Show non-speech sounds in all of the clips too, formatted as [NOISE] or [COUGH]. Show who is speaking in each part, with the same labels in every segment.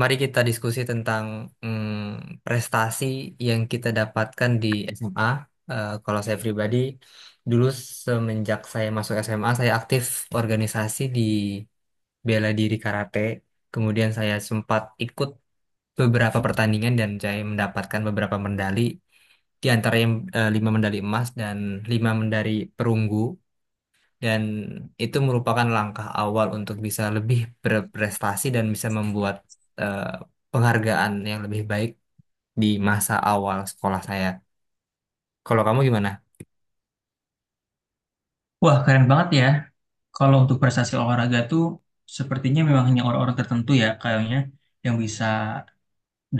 Speaker 1: Mari kita diskusi tentang prestasi yang kita dapatkan di SMA. Kalau saya pribadi, dulu semenjak saya masuk SMA, saya aktif organisasi di bela diri karate. Kemudian saya sempat ikut beberapa pertandingan dan saya mendapatkan beberapa medali, di antara lima medali emas dan lima medali perunggu. Dan itu merupakan langkah awal untuk bisa lebih berprestasi dan bisa membuat eh, penghargaan yang lebih baik di masa awal sekolah saya. Kalau kamu gimana?
Speaker 2: Wah, keren banget ya. Kalau untuk prestasi olahraga tuh sepertinya memang hanya orang-orang tertentu ya kayaknya yang bisa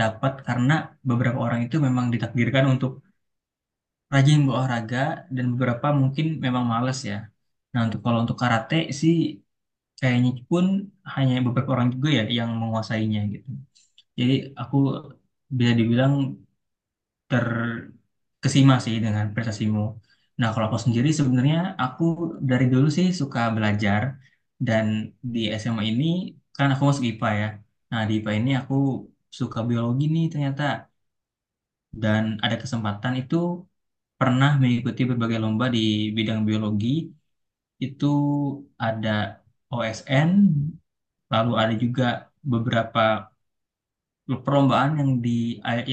Speaker 2: dapat karena beberapa orang itu memang ditakdirkan untuk rajin berolahraga dan beberapa mungkin memang males ya. Nah, kalau untuk karate sih kayaknya pun hanya beberapa orang juga ya yang menguasainya gitu. Jadi aku bisa dibilang terkesima sih dengan prestasimu. Nah, kalau aku sendiri sebenarnya aku dari dulu sih suka belajar dan di SMA ini kan aku masuk IPA ya. Nah, di IPA ini aku suka biologi nih ternyata dan ada kesempatan itu pernah mengikuti berbagai lomba di bidang biologi. Itu ada OSN, lalu ada juga beberapa perlombaan yang di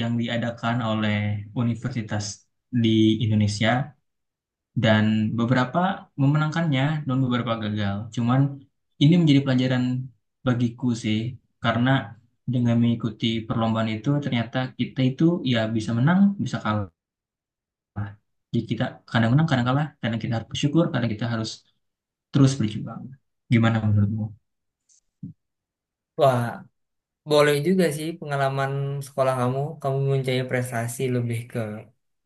Speaker 2: yang diadakan oleh universitas di Indonesia dan beberapa memenangkannya dan beberapa gagal. Cuman ini menjadi pelajaran bagiku sih karena dengan mengikuti perlombaan itu ternyata kita itu ya bisa menang, bisa kalah. Jadi kita kadang menang, kadang kalah, kadang kita harus bersyukur, kadang kita harus terus berjuang. Gimana menurutmu?
Speaker 1: Wah, boleh juga sih pengalaman sekolah kamu. Kamu mempunyai prestasi lebih ke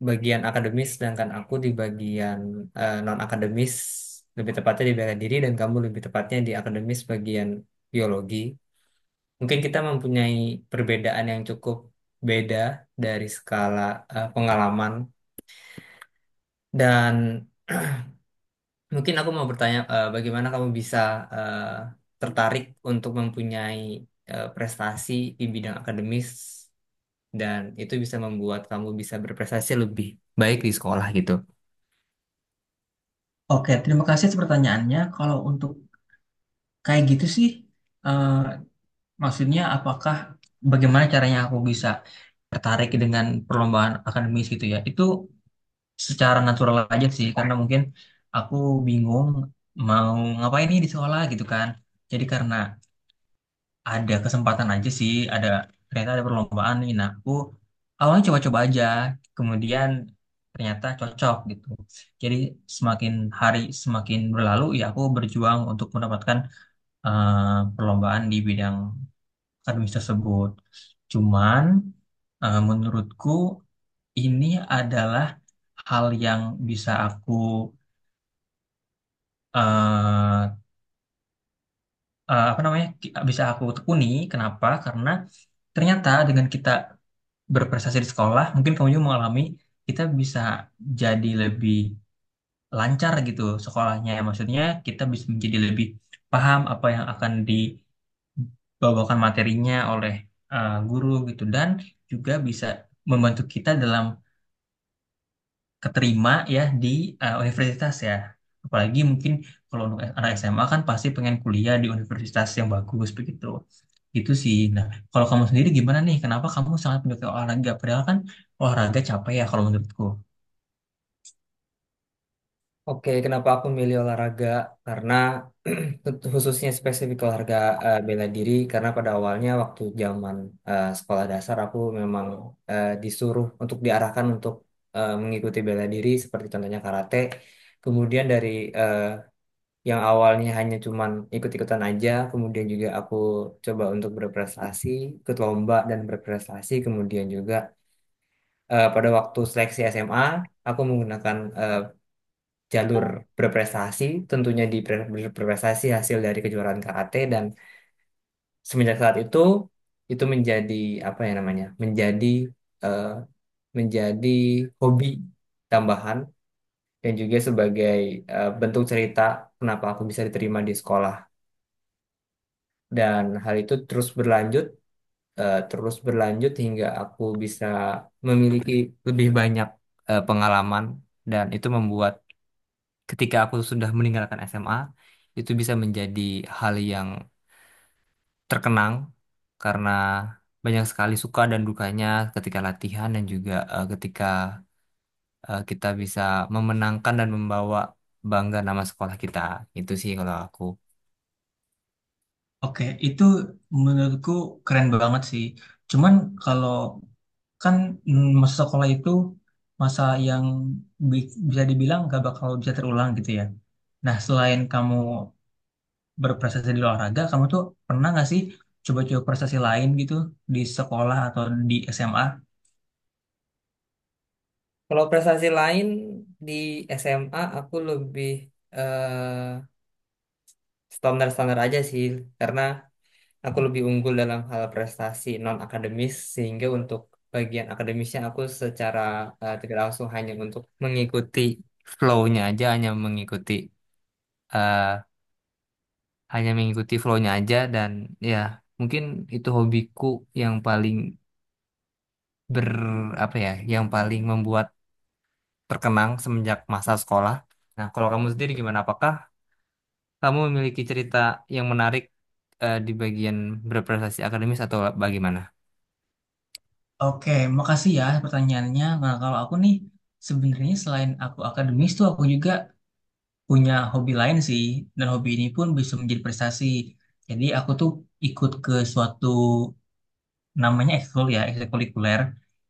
Speaker 1: bagian akademis, sedangkan aku di bagian non-akademis, lebih tepatnya di bela diri, dan kamu lebih tepatnya di akademis bagian biologi. Mungkin kita mempunyai perbedaan yang cukup beda dari skala pengalaman dan [CLEARS THROAT] mungkin aku mau bertanya bagaimana kamu bisa eh, tertarik untuk mempunyai prestasi di bidang akademis dan itu bisa membuat kamu bisa berprestasi lebih baik di sekolah gitu.
Speaker 2: Oke, terima kasih atas pertanyaannya. Kalau untuk kayak gitu sih, eh, maksudnya bagaimana caranya aku bisa tertarik dengan perlombaan akademis gitu ya? Itu secara natural aja sih karena mungkin aku bingung mau ngapain nih di sekolah gitu kan jadi karena ada kesempatan aja sih ternyata ada perlombaan nih, nah aku awalnya coba-coba aja kemudian ternyata cocok gitu. Jadi semakin hari semakin berlalu ya aku berjuang untuk mendapatkan perlombaan di bidang akademis tersebut. Cuman menurutku ini adalah hal yang bisa aku eh, tekuni. Kenapa? Karena ternyata dengan kita berprestasi di sekolah, mungkin kamu juga mengalami kita bisa jadi lebih lancar gitu sekolahnya. Ya. Maksudnya kita bisa menjadi lebih paham apa yang akan dibawakan materinya oleh guru gitu dan juga bisa membantu kita dalam keterima ya di universitas ya. Apalagi mungkin kalau untuk anak SMA kan pasti pengen kuliah di universitas yang bagus begitu. Gitu sih. Nah, kalau kamu sendiri gimana nih? Kenapa kamu sangat menyukai olahraga? Padahal kan olahraga capek ya kalau menurutku.
Speaker 1: Oke, kenapa aku milih olahraga? Karena [CLEARS THROAT] khususnya spesifik olahraga bela diri, karena pada awalnya waktu zaman sekolah dasar aku memang disuruh untuk diarahkan untuk mengikuti bela diri seperti contohnya karate. Kemudian dari eh, yang awalnya hanya cuman ikut-ikutan aja, kemudian juga aku coba untuk berprestasi, ikut lomba dan berprestasi, kemudian juga pada waktu seleksi SMA aku menggunakan jalur berprestasi, tentunya di berprestasi hasil dari kejuaraan karate dan semenjak saat itu menjadi apa ya namanya? Menjadi eh, menjadi hobi tambahan dan juga sebagai bentuk cerita kenapa aku bisa diterima di sekolah. Dan hal itu terus berlanjut hingga aku bisa memiliki lebih banyak pengalaman dan itu membuat ketika aku sudah meninggalkan SMA itu bisa menjadi hal yang terkenang karena banyak sekali suka dan dukanya ketika latihan dan juga ketika kita bisa memenangkan dan membawa bangga nama sekolah kita. Itu sih kalau aku.
Speaker 2: Oke, itu menurutku keren banget sih. Cuman kalau kan, masa sekolah itu masa yang bisa dibilang gak bakal bisa terulang gitu ya. Nah, selain kamu berprestasi di olahraga, kamu tuh pernah nggak sih coba-coba prestasi lain gitu di sekolah atau di SMA?
Speaker 1: Kalau prestasi lain di SMA aku lebih eh, standar-standar aja sih karena aku lebih unggul dalam hal prestasi non akademis sehingga untuk bagian akademisnya aku secara tidak langsung hanya untuk mengikuti flow-nya aja eh, hanya mengikuti flow-nya aja dan ya mungkin itu hobiku yang paling ber apa ya yang paling membuat terkenang semenjak masa sekolah. Nah, kalau kamu sendiri gimana? Apakah kamu memiliki cerita yang menarik di bagian berprestasi akademis atau bagaimana?
Speaker 2: Oke, makasih ya pertanyaannya. Nah, kalau aku nih sebenarnya selain aku akademis tuh aku juga punya hobi lain sih dan hobi ini pun bisa menjadi prestasi. Jadi aku tuh ikut ke suatu namanya ekskul ya, ekstrakurikuler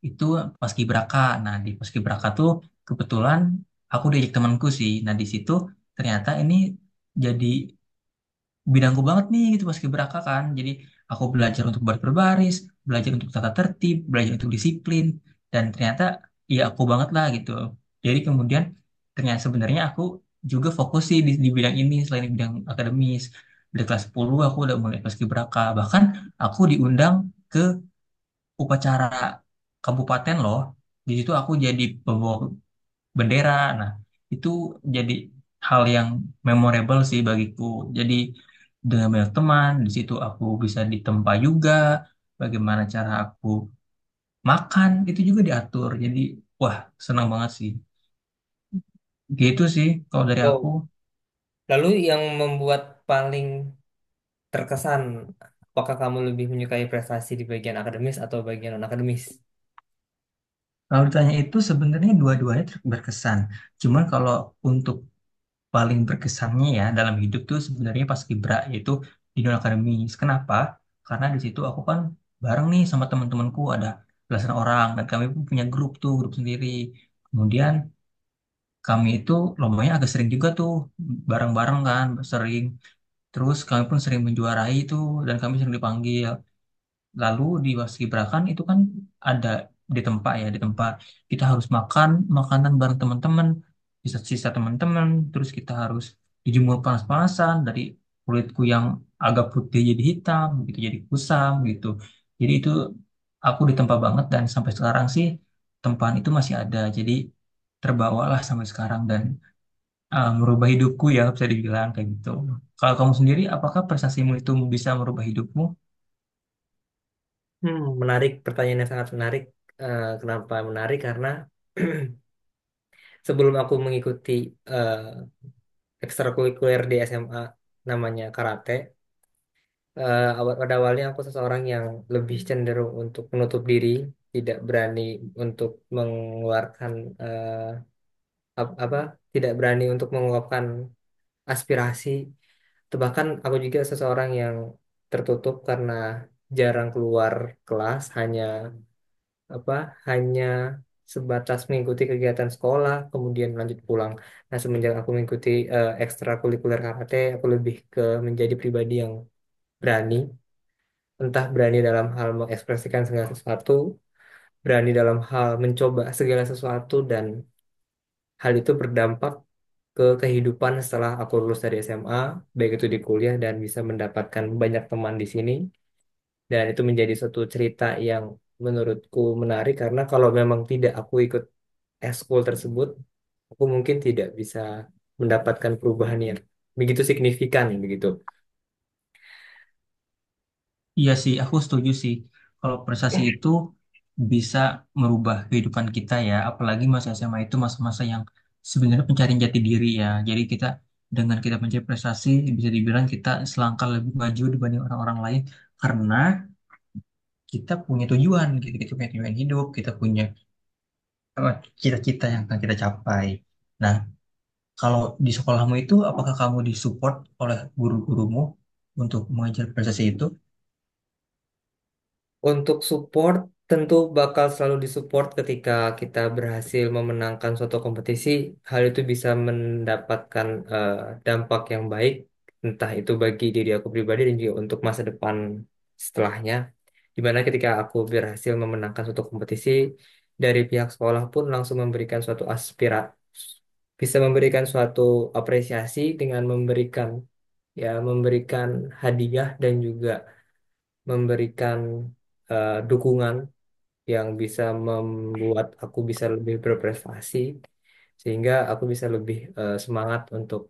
Speaker 2: itu paskibraka. Nah, di paskibraka tuh kebetulan aku diajak temanku sih. Nah, di situ ternyata ini jadi bidangku banget nih gitu paskibraka kan. Jadi aku belajar untuk baris berbaris, belajar untuk tata tertib, belajar untuk disiplin dan ternyata ya aku banget lah gitu. Jadi kemudian ternyata sebenarnya aku juga fokus sih di bidang ini selain di bidang akademis. Dari kelas 10 aku udah mulai paskibraka. Bahkan aku diundang ke upacara kabupaten loh. Di situ aku jadi pembawa bendera. Nah, itu jadi hal yang memorable sih bagiku. Jadi dengan banyak teman, di situ aku bisa ditempa juga, bagaimana cara aku makan itu juga diatur. Jadi, wah, senang banget sih. Gitu sih kalau dari aku.
Speaker 1: Lalu yang membuat paling terkesan, apakah kamu lebih menyukai prestasi di bagian akademis atau bagian non-akademis?
Speaker 2: Kalau ditanya itu sebenarnya dua-duanya berkesan. Cuman kalau untuk paling berkesannya ya dalam hidup tuh sebenarnya pas Kibra yaitu di dunia akademis. Kenapa? Karena di situ aku kan bareng nih sama teman-temanku ada belasan orang dan kami pun punya grup tuh grup sendiri. Kemudian kami itu lombanya agak sering juga tuh bareng-bareng kan sering. Terus kami pun sering menjuarai tuh dan kami sering dipanggil. Lalu di Wasibrakan itu kan ada di tempat ya, di tempat kita harus makan makanan bareng teman-teman, sisa-sisa teman-teman, terus kita harus dijemur panas-panasan, dari kulitku yang agak putih jadi hitam, gitu jadi kusam gitu. Jadi itu aku ditempa banget dan sampai sekarang sih tempaan itu masih ada. Jadi terbawalah sampai sekarang dan merubah hidupku ya bisa dibilang kayak gitu. Kalau kamu sendiri, apakah prestasimu itu bisa merubah hidupmu?
Speaker 1: Hmm, menarik, pertanyaan yang sangat menarik. Eh, kenapa menarik? Karena [CLEARS THROAT] sebelum aku mengikuti eh ekstrakurikuler di SMA namanya karate, pada awalnya aku seseorang yang lebih cenderung untuk menutup diri, tidak berani untuk mengeluarkan eh, ap- apa, tidak berani untuk mengungkapkan aspirasi. Atau bahkan aku juga seseorang yang tertutup karena jarang keluar kelas, apa, hanya sebatas mengikuti kegiatan sekolah, kemudian lanjut pulang. Nah, semenjak aku mengikuti ekstrakurikuler karate, aku lebih ke menjadi pribadi yang berani, entah berani dalam hal mengekspresikan segala sesuatu, berani dalam hal mencoba segala sesuatu dan hal itu berdampak ke kehidupan setelah aku lulus dari SMA, baik itu di kuliah dan bisa mendapatkan banyak teman di sini. Dan itu menjadi suatu cerita yang menurutku menarik karena kalau memang tidak aku ikut eskul tersebut, aku mungkin tidak bisa mendapatkan perubahan yang begitu signifikan begitu.
Speaker 2: Iya sih, aku setuju sih. Kalau prestasi itu bisa merubah kehidupan kita ya, apalagi masa SMA itu masa-masa yang sebenarnya pencarian jati diri ya. Jadi kita dengan kita mencari prestasi bisa dibilang kita selangkah lebih maju dibanding orang-orang lain karena kita punya tujuan, gitu. Kita punya tujuan hidup, kita punya eh, cita-cita yang akan kita capai. Nah, kalau di sekolahmu itu apakah kamu disupport oleh guru-gurumu untuk mengajar prestasi itu?
Speaker 1: Untuk support tentu bakal selalu disupport ketika kita berhasil memenangkan suatu kompetisi. Hal itu bisa mendapatkan eh, dampak yang baik, entah itu bagi diri aku pribadi dan juga untuk masa depan setelahnya. Dimana ketika aku berhasil memenangkan suatu kompetisi, dari pihak sekolah pun langsung memberikan suatu aspira, bisa memberikan suatu apresiasi dengan memberikan ya memberikan hadiah dan juga memberikan dukungan yang bisa membuat aku bisa lebih berprestasi sehingga aku bisa lebih semangat untuk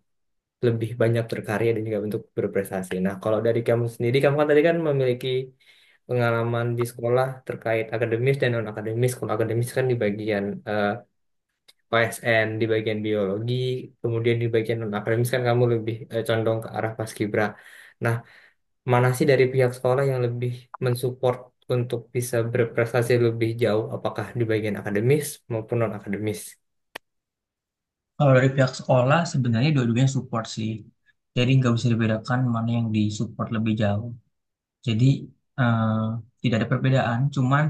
Speaker 1: lebih banyak berkarya dan juga untuk berprestasi. Nah, kalau dari kamu sendiri, kamu kan tadi kan memiliki pengalaman di sekolah terkait akademis dan non akademis. Kalau akademis kan di bagian eh, OSN, di bagian biologi, kemudian di bagian non akademis kan kamu lebih condong ke arah paskibra. Nah, mana sih dari pihak sekolah yang lebih mensupport untuk bisa berprestasi lebih jauh, apakah di bagian akademis maupun non-akademis?
Speaker 2: Kalau dari pihak sekolah sebenarnya dua-duanya support sih. Jadi nggak bisa dibedakan mana yang disupport lebih jauh. Jadi, eh, tidak ada perbedaan. Cuman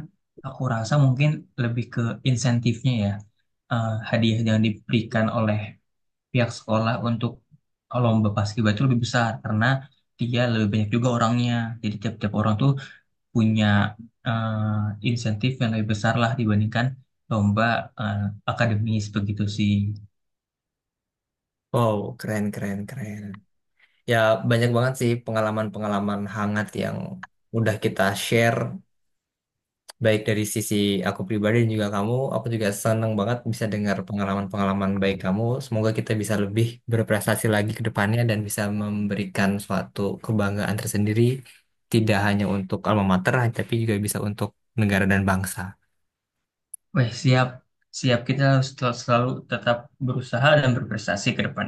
Speaker 2: aku rasa mungkin lebih ke insentifnya ya. Hadiah yang diberikan oleh pihak sekolah untuk lomba paskibra itu lebih besar karena dia lebih banyak juga orangnya. Jadi tiap-tiap orang tuh punya insentif yang lebih besar lah dibandingkan lomba eh, akademis begitu sih.
Speaker 1: Wow, keren, keren, keren. Ya, banyak banget sih pengalaman-pengalaman hangat yang udah kita share baik dari sisi aku pribadi dan juga kamu, aku juga senang banget bisa dengar pengalaman-pengalaman baik kamu. Semoga kita bisa lebih berprestasi lagi ke depannya dan bisa memberikan suatu kebanggaan tersendiri, tidak hanya untuk alma mater, tapi juga bisa untuk negara dan bangsa.
Speaker 2: Wih, siap. Siap, kita harus selalu tetap berusaha dan berprestasi ke depan.